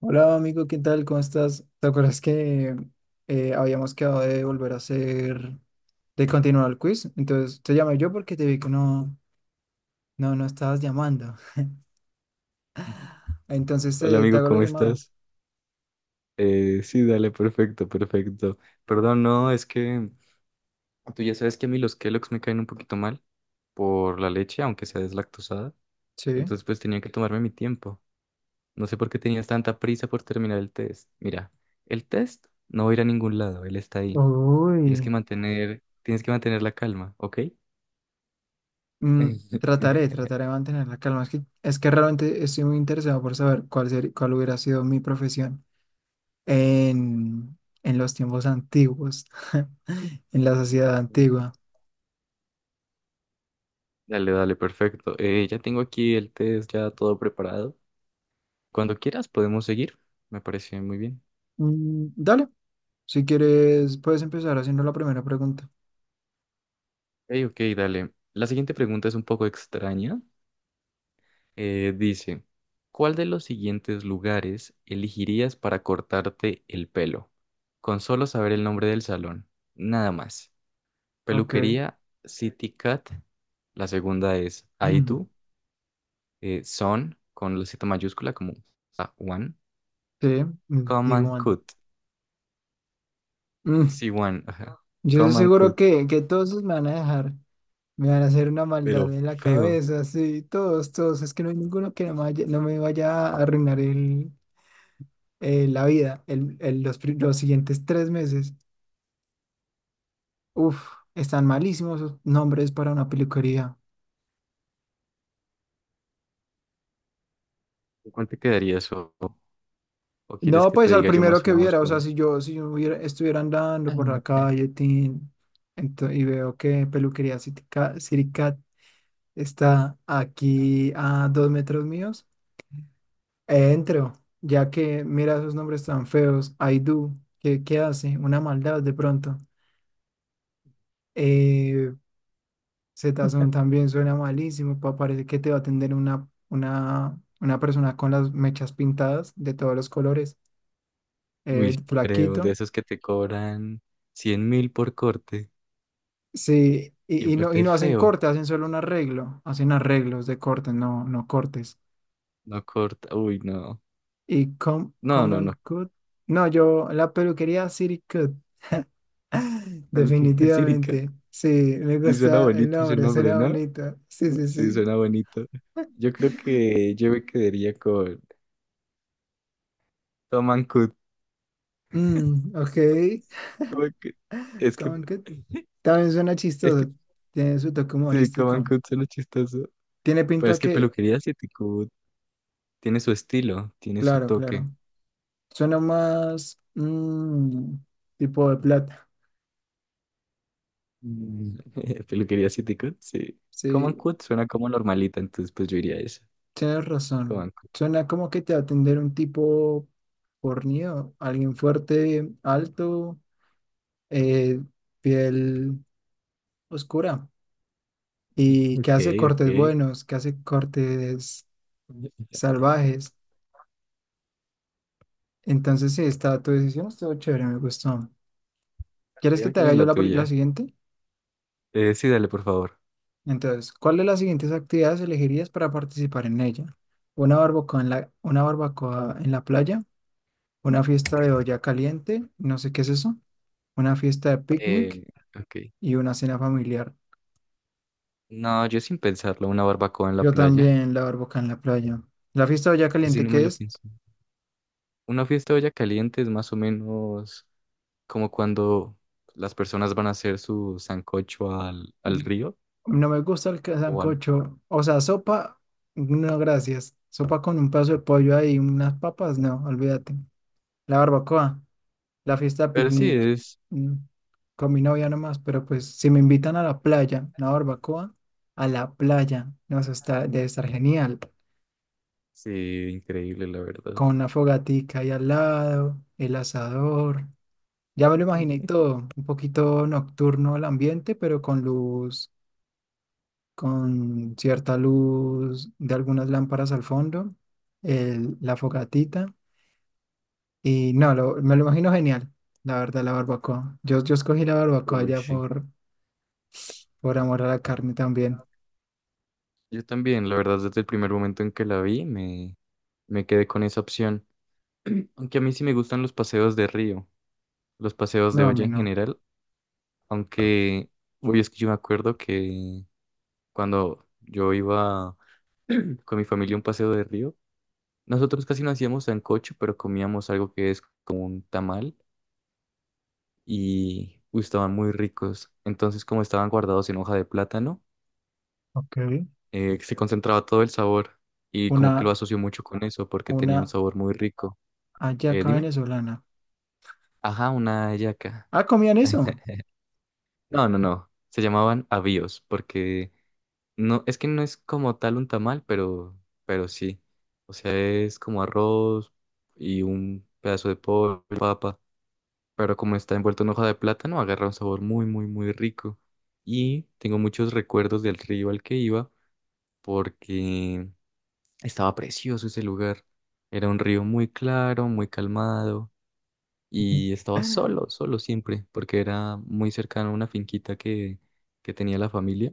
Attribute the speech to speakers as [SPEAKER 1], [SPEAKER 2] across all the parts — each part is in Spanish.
[SPEAKER 1] Hola amigo, ¿qué tal? ¿Cómo estás? ¿Te acuerdas que habíamos quedado de volver a hacer, de continuar el quiz? Entonces te llamé yo porque te vi que no estabas llamando.
[SPEAKER 2] Hola
[SPEAKER 1] Entonces te
[SPEAKER 2] amigo,
[SPEAKER 1] hago la
[SPEAKER 2] ¿cómo
[SPEAKER 1] llamada.
[SPEAKER 2] estás? Sí, dale, perfecto, perfecto. Perdón, no, es que tú ya sabes que a mí los Kellogg's me caen un poquito mal por la leche, aunque sea deslactosada.
[SPEAKER 1] Sí.
[SPEAKER 2] Entonces pues tenía que tomarme mi tiempo. No sé por qué tenías tanta prisa por terminar el test. Mira, el test no va a ir a ningún lado, él está ahí.
[SPEAKER 1] Uy.
[SPEAKER 2] Tienes que mantener la calma, ¿ok?
[SPEAKER 1] Mm, trataré de mantener la calma. Es que realmente estoy muy interesado por saber cuál hubiera sido mi profesión en los tiempos antiguos, en la sociedad antigua.
[SPEAKER 2] Dale, dale, perfecto. Ya tengo aquí el test ya todo preparado. Cuando quieras podemos seguir. Me parece muy bien.
[SPEAKER 1] Mm, dale, si quieres, puedes empezar haciendo la primera pregunta.
[SPEAKER 2] Hey, ok, dale. La siguiente pregunta es un poco extraña. Dice, ¿cuál de los siguientes lugares elegirías para cortarte el pelo? Con solo saber el nombre del salón, nada más.
[SPEAKER 1] Ok.
[SPEAKER 2] Peluquería City Cat. La segunda es
[SPEAKER 1] Mm.
[SPEAKER 2] Aidu, Son con la Z mayúscula como ah, One.
[SPEAKER 1] Sí, mm,
[SPEAKER 2] Come
[SPEAKER 1] digo,
[SPEAKER 2] and
[SPEAKER 1] bueno.
[SPEAKER 2] Cut.
[SPEAKER 1] Mm.
[SPEAKER 2] Sí, One. Ajá.
[SPEAKER 1] Yo estoy
[SPEAKER 2] Come and
[SPEAKER 1] seguro
[SPEAKER 2] Cut.
[SPEAKER 1] que todos me van a dejar, me van a hacer una
[SPEAKER 2] Pero
[SPEAKER 1] maldad en la
[SPEAKER 2] feo.
[SPEAKER 1] cabeza, sí, todos, todos. Es que no hay ninguno que no me no me vaya a arruinar la vida los siguientes 3 meses. Uf, están malísimos esos nombres para una peluquería.
[SPEAKER 2] ¿Cuál te quedaría eso? ¿O quieres
[SPEAKER 1] No,
[SPEAKER 2] que te
[SPEAKER 1] pues al
[SPEAKER 2] diga yo
[SPEAKER 1] primero
[SPEAKER 2] más o
[SPEAKER 1] que
[SPEAKER 2] menos
[SPEAKER 1] viera, o sea,
[SPEAKER 2] cuál?
[SPEAKER 1] si yo estuviera andando por la calle y veo que Peluquería Siricat está aquí a 2 metros míos, entro, ya que mira esos nombres tan feos, Aidú, ¿qué hace? Una maldad de pronto. Eh, Zetazón también suena malísimo, parece que te va a atender una persona con las mechas pintadas de todos los colores,
[SPEAKER 2] Uy, sí creo, de
[SPEAKER 1] flaquito.
[SPEAKER 2] esos que te cobran 100 mil por corte.
[SPEAKER 1] Sí,
[SPEAKER 2] Y un
[SPEAKER 1] y
[SPEAKER 2] corte
[SPEAKER 1] no hacen
[SPEAKER 2] feo.
[SPEAKER 1] corte, hacen solo un arreglo, hacen arreglos de cortes, no, no cortes.
[SPEAKER 2] No corta. Uy, no. No, no,
[SPEAKER 1] Common
[SPEAKER 2] no.
[SPEAKER 1] Cut, no, yo, la peluquería City Cut,
[SPEAKER 2] Peluquería que Sirica.
[SPEAKER 1] definitivamente, sí, me
[SPEAKER 2] Y suena
[SPEAKER 1] gusta el
[SPEAKER 2] bonito ese
[SPEAKER 1] nombre,
[SPEAKER 2] nombre,
[SPEAKER 1] suena
[SPEAKER 2] ¿no?
[SPEAKER 1] bonito, sí, sí,
[SPEAKER 2] Sí,
[SPEAKER 1] sí.
[SPEAKER 2] suena bonito. Yo creo que yo me quedaría con Tom and Cut.
[SPEAKER 1] Mm, ok.
[SPEAKER 2] Tom and Cut. Es que.
[SPEAKER 1] Common Cut, también suena
[SPEAKER 2] Es que.
[SPEAKER 1] chistoso, tiene su toque
[SPEAKER 2] Sí, Tom and
[SPEAKER 1] humorístico,
[SPEAKER 2] Cut suena chistoso.
[SPEAKER 1] tiene
[SPEAKER 2] Pero
[SPEAKER 1] pinta
[SPEAKER 2] es que
[SPEAKER 1] que,
[SPEAKER 2] peluquería City Cut tiene su estilo, tiene su
[SPEAKER 1] claro,
[SPEAKER 2] toque.
[SPEAKER 1] claro, suena más, mm, tipo de plata,
[SPEAKER 2] Mm, Peluquería City Cut, sí. Common
[SPEAKER 1] sí.
[SPEAKER 2] Cut suena como normalita, entonces pues yo iría a eso.
[SPEAKER 1] Tienes razón.
[SPEAKER 2] Con-
[SPEAKER 1] Suena como que te va a atender un tipo fornido, alguien fuerte, alto, eh, piel oscura y que
[SPEAKER 2] Ok,
[SPEAKER 1] hace cortes
[SPEAKER 2] ok.
[SPEAKER 1] buenos, que hace cortes salvajes. Entonces, sí, está tu decisión, estuvo chévere, me gustó. ¿Quieres
[SPEAKER 2] Ya
[SPEAKER 1] que
[SPEAKER 2] me
[SPEAKER 1] te
[SPEAKER 2] tiene
[SPEAKER 1] haga yo
[SPEAKER 2] la
[SPEAKER 1] la
[SPEAKER 2] tuya.
[SPEAKER 1] siguiente?
[SPEAKER 2] Sí, dale, por favor.
[SPEAKER 1] Entonces, ¿cuál de las siguientes actividades elegirías para participar en ella? ¿Una barbacoa una barbacoa en la playa? ¿Una fiesta de olla caliente? No sé qué es eso. Una fiesta de
[SPEAKER 2] Eh,
[SPEAKER 1] picnic
[SPEAKER 2] ok.
[SPEAKER 1] y una cena familiar.
[SPEAKER 2] No, yo sin pensarlo, una barbacoa en la
[SPEAKER 1] Yo
[SPEAKER 2] playa.
[SPEAKER 1] también la barbacoa en la playa. La fiesta de olla
[SPEAKER 2] Ese sí
[SPEAKER 1] caliente,
[SPEAKER 2] no me
[SPEAKER 1] ¿qué
[SPEAKER 2] lo
[SPEAKER 1] es?
[SPEAKER 2] pienso. Una fiesta de olla caliente es más o menos como cuando las personas van a hacer su sancocho al, al río
[SPEAKER 1] No me gusta
[SPEAKER 2] o van.
[SPEAKER 1] sancocho. O sea, sopa, no, gracias. Sopa con un pedazo de pollo ahí, unas papas, no, olvídate. La barbacoa, la fiesta de
[SPEAKER 2] Pero sí
[SPEAKER 1] picnic,
[SPEAKER 2] es,
[SPEAKER 1] mm, con mi novia nomás, pero pues si me invitan a la playa, una barbacoa, a la playa, nos está, debe estar genial.
[SPEAKER 2] sí, increíble, la verdad.
[SPEAKER 1] Con una fogatica ahí al lado, el asador. Ya me lo imaginé y todo, un poquito nocturno el ambiente, pero con luz, con cierta luz de algunas lámparas al fondo, la fogatita. Y no, me lo imagino genial, la verdad, la barbacoa. Yo escogí la barbacoa
[SPEAKER 2] Uy, sí.
[SPEAKER 1] por amor a la carne también.
[SPEAKER 2] Yo también, la verdad, desde el primer momento en que la vi, me quedé con esa opción. Aunque a mí sí me gustan los paseos de río, los paseos de
[SPEAKER 1] No, a
[SPEAKER 2] olla
[SPEAKER 1] mí
[SPEAKER 2] en
[SPEAKER 1] no.
[SPEAKER 2] general, aunque uy es que yo me acuerdo que cuando yo iba con mi familia a un paseo de río, nosotros casi no hacíamos sancocho, pero comíamos algo que es como un tamal y uy, estaban muy ricos. Entonces, como estaban guardados en hoja de plátano,
[SPEAKER 1] Ok.
[SPEAKER 2] se concentraba todo el sabor y como que lo
[SPEAKER 1] Una,
[SPEAKER 2] asocio mucho con eso porque tenía un
[SPEAKER 1] una
[SPEAKER 2] sabor muy rico.
[SPEAKER 1] hallaca
[SPEAKER 2] Dime.
[SPEAKER 1] venezolana.
[SPEAKER 2] Ajá, una hallaca.
[SPEAKER 1] Ah, ¿comían eso?
[SPEAKER 2] No, no, no. Se llamaban avíos porque no, es que no es como tal un tamal, pero sí. O sea, es como arroz y un pedazo de pollo, papa. Pero como está envuelto en hoja de plátano, agarra un sabor muy, muy, muy rico. Y tengo muchos recuerdos del río al que iba porque estaba precioso ese lugar. Era un río muy claro, muy calmado y estaba solo, solo siempre, porque era muy cercano a una finquita que tenía la familia.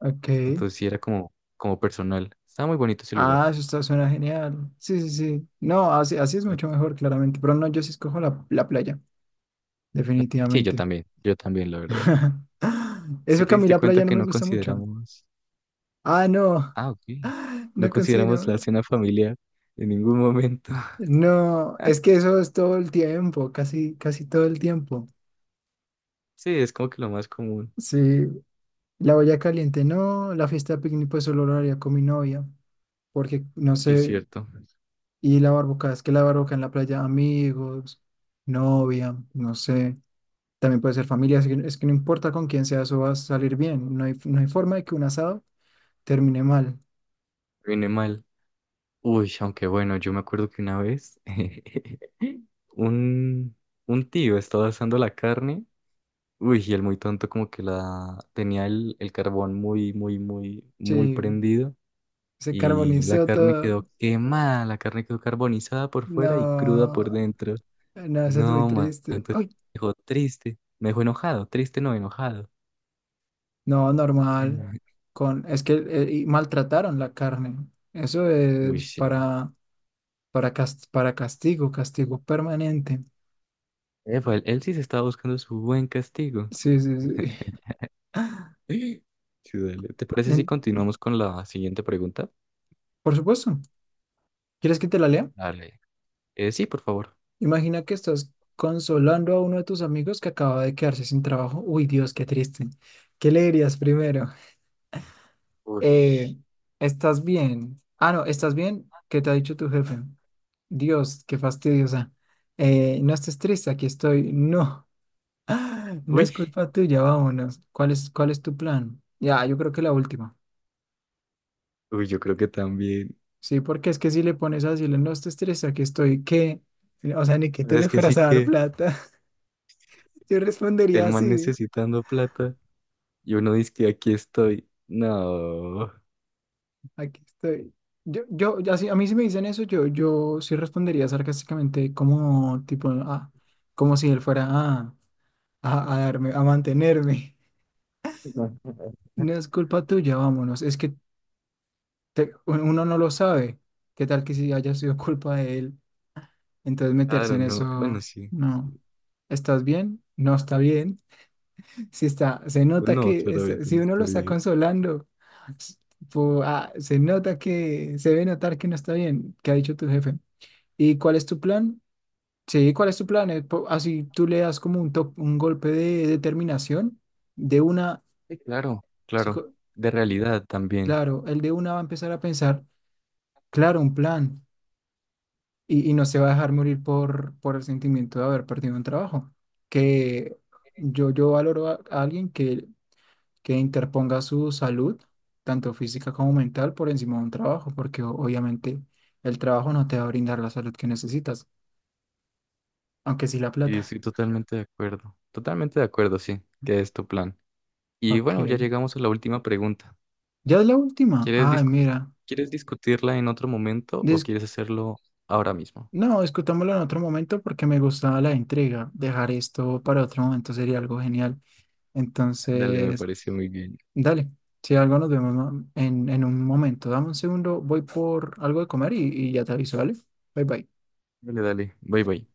[SPEAKER 1] Ok.
[SPEAKER 2] Entonces sí era como, como personal. Estaba muy bonito ese lugar.
[SPEAKER 1] Ah, eso está, suena genial. Sí, sí, sí. No, así, así es
[SPEAKER 2] Yo-
[SPEAKER 1] mucho mejor, claramente. Pero no, yo sí escojo la playa,
[SPEAKER 2] yo- Sí,
[SPEAKER 1] definitivamente.
[SPEAKER 2] yo también, la verdad. Si
[SPEAKER 1] Eso que
[SPEAKER 2] te
[SPEAKER 1] a mí
[SPEAKER 2] diste
[SPEAKER 1] la playa
[SPEAKER 2] cuenta
[SPEAKER 1] no
[SPEAKER 2] que
[SPEAKER 1] me
[SPEAKER 2] no
[SPEAKER 1] gusta mucho.
[SPEAKER 2] consideramos,
[SPEAKER 1] Ah, no,
[SPEAKER 2] ah, ok, no
[SPEAKER 1] no
[SPEAKER 2] consideramos la
[SPEAKER 1] considero.
[SPEAKER 2] cena familiar en ningún momento.
[SPEAKER 1] No, es que eso es todo el tiempo, casi, casi todo el tiempo.
[SPEAKER 2] Sí, es como que lo más común.
[SPEAKER 1] Sí, la olla caliente no, la fiesta de picnic pues solo lo haría con mi novia, porque no
[SPEAKER 2] Sí, es
[SPEAKER 1] sé,
[SPEAKER 2] cierto.
[SPEAKER 1] y la barbacoa, es que la barbacoa en la playa, amigos, novia, no sé. También puede ser familia, así que- es que no importa con quién sea, eso va a salir bien. No hay forma de que un asado termine mal.
[SPEAKER 2] Viene mal. Uy, aunque bueno, yo me acuerdo que una vez un, un tío estaba asando la carne. Uy, y el muy tonto como que la tenía el carbón muy, muy, muy, muy
[SPEAKER 1] Sí,
[SPEAKER 2] prendido.
[SPEAKER 1] se
[SPEAKER 2] Y la
[SPEAKER 1] carbonizó
[SPEAKER 2] carne
[SPEAKER 1] todo.
[SPEAKER 2] quedó quemada, la carne quedó carbonizada por fuera y cruda por
[SPEAKER 1] No,
[SPEAKER 2] dentro.
[SPEAKER 1] no, eso es muy
[SPEAKER 2] No, man,
[SPEAKER 1] triste.
[SPEAKER 2] entonces
[SPEAKER 1] Ay,
[SPEAKER 2] me dejó triste, me dejó enojado, triste no, enojado.
[SPEAKER 1] no,
[SPEAKER 2] Ay, no.
[SPEAKER 1] normal. Con, es que y maltrataron la carne. Eso
[SPEAKER 2] Uy,
[SPEAKER 1] es
[SPEAKER 2] sí.
[SPEAKER 1] para castigo, castigo permanente.
[SPEAKER 2] Epa, él sí se estaba buscando su buen castigo.
[SPEAKER 1] Sí, sí, sí.
[SPEAKER 2] Sí, dale. ¿Te parece si
[SPEAKER 1] En-
[SPEAKER 2] continuamos con la siguiente pregunta?
[SPEAKER 1] por supuesto. ¿Quieres que te la lea?
[SPEAKER 2] Dale. Sí, por favor.
[SPEAKER 1] Imagina que estás consolando a uno de tus amigos que acaba de quedarse sin trabajo. Uy, Dios, qué triste. ¿Qué le dirías primero?
[SPEAKER 2] Uy.
[SPEAKER 1] Eh, ¿Estás bien? Ah, no, ¿estás bien? ¿Qué te ha dicho tu jefe? Dios, qué fastidiosa. No estés triste, aquí estoy. No, no
[SPEAKER 2] Uy,
[SPEAKER 1] es culpa tuya, vámonos. ¿Cuál es tu plan? Ya, yo creo que la última.
[SPEAKER 2] uy, yo creo que también.
[SPEAKER 1] Sí, porque es que si le pones a decirle, no estés triste, aquí estoy, ¿qué? O sea, ni que
[SPEAKER 2] Pues
[SPEAKER 1] tú le
[SPEAKER 2] es que sí
[SPEAKER 1] fueras a dar
[SPEAKER 2] que
[SPEAKER 1] plata. Yo
[SPEAKER 2] el
[SPEAKER 1] respondería
[SPEAKER 2] man
[SPEAKER 1] así.
[SPEAKER 2] necesitando plata y uno dice que aquí estoy. No.
[SPEAKER 1] Aquí estoy. Yo, así, a mí si me dicen eso, yo sí respondería sarcásticamente como tipo, ah, como si él fuera a darme, a mantenerme. No es culpa tuya, vámonos. Es que uno no lo sabe. ¿Qué tal que si haya sido culpa de él? Entonces meterse
[SPEAKER 2] Claro,
[SPEAKER 1] en
[SPEAKER 2] no. Bueno,
[SPEAKER 1] eso,
[SPEAKER 2] sí, sí.
[SPEAKER 1] no. ¿Estás bien? No está bien. Si está, se
[SPEAKER 2] Pues
[SPEAKER 1] nota
[SPEAKER 2] no,
[SPEAKER 1] que,
[SPEAKER 2] claramente
[SPEAKER 1] si
[SPEAKER 2] no
[SPEAKER 1] uno lo está
[SPEAKER 2] estoy.
[SPEAKER 1] consolando, tipo, ah, se nota que, se debe notar que no está bien. ¿Qué ha dicho tu jefe? ¿Y cuál es tu plan? Sí, ¿cuál es tu plan? Así tú le das como un golpe de determinación. De una,
[SPEAKER 2] Sí, claro, claro.
[SPEAKER 1] psico-
[SPEAKER 2] De realidad también.
[SPEAKER 1] claro, el de una va a empezar a pensar, claro, un plan. Y no se va a dejar morir por el sentimiento de haber perdido un trabajo. Que yo valoro a alguien que interponga su salud, tanto física como mental, por encima de un trabajo, porque obviamente el trabajo no te va a brindar la salud que necesitas, aunque sí la
[SPEAKER 2] Y
[SPEAKER 1] plata.
[SPEAKER 2] estoy totalmente de acuerdo. Totalmente de acuerdo, sí, que es tu plan. Y
[SPEAKER 1] Ok.
[SPEAKER 2] bueno, ya llegamos a la última pregunta.
[SPEAKER 1] ¿Ya es la última?
[SPEAKER 2] ¿Quieres
[SPEAKER 1] Ay,
[SPEAKER 2] discu-
[SPEAKER 1] mira.
[SPEAKER 2] ¿Quieres discutirla en otro momento o
[SPEAKER 1] dis-
[SPEAKER 2] quieres hacerlo ahora mismo?
[SPEAKER 1] no, discutámoslo en otro momento porque me gustaba la intriga. Dejar esto para otro momento sería algo genial.
[SPEAKER 2] Dale, me
[SPEAKER 1] Entonces,
[SPEAKER 2] pareció muy bien.
[SPEAKER 1] dale. Si algo nos vemos en un momento. Dame un segundo, voy por algo de comer y ya te aviso, ¿vale? Bye bye.
[SPEAKER 2] Dale, dale. Bye, bye.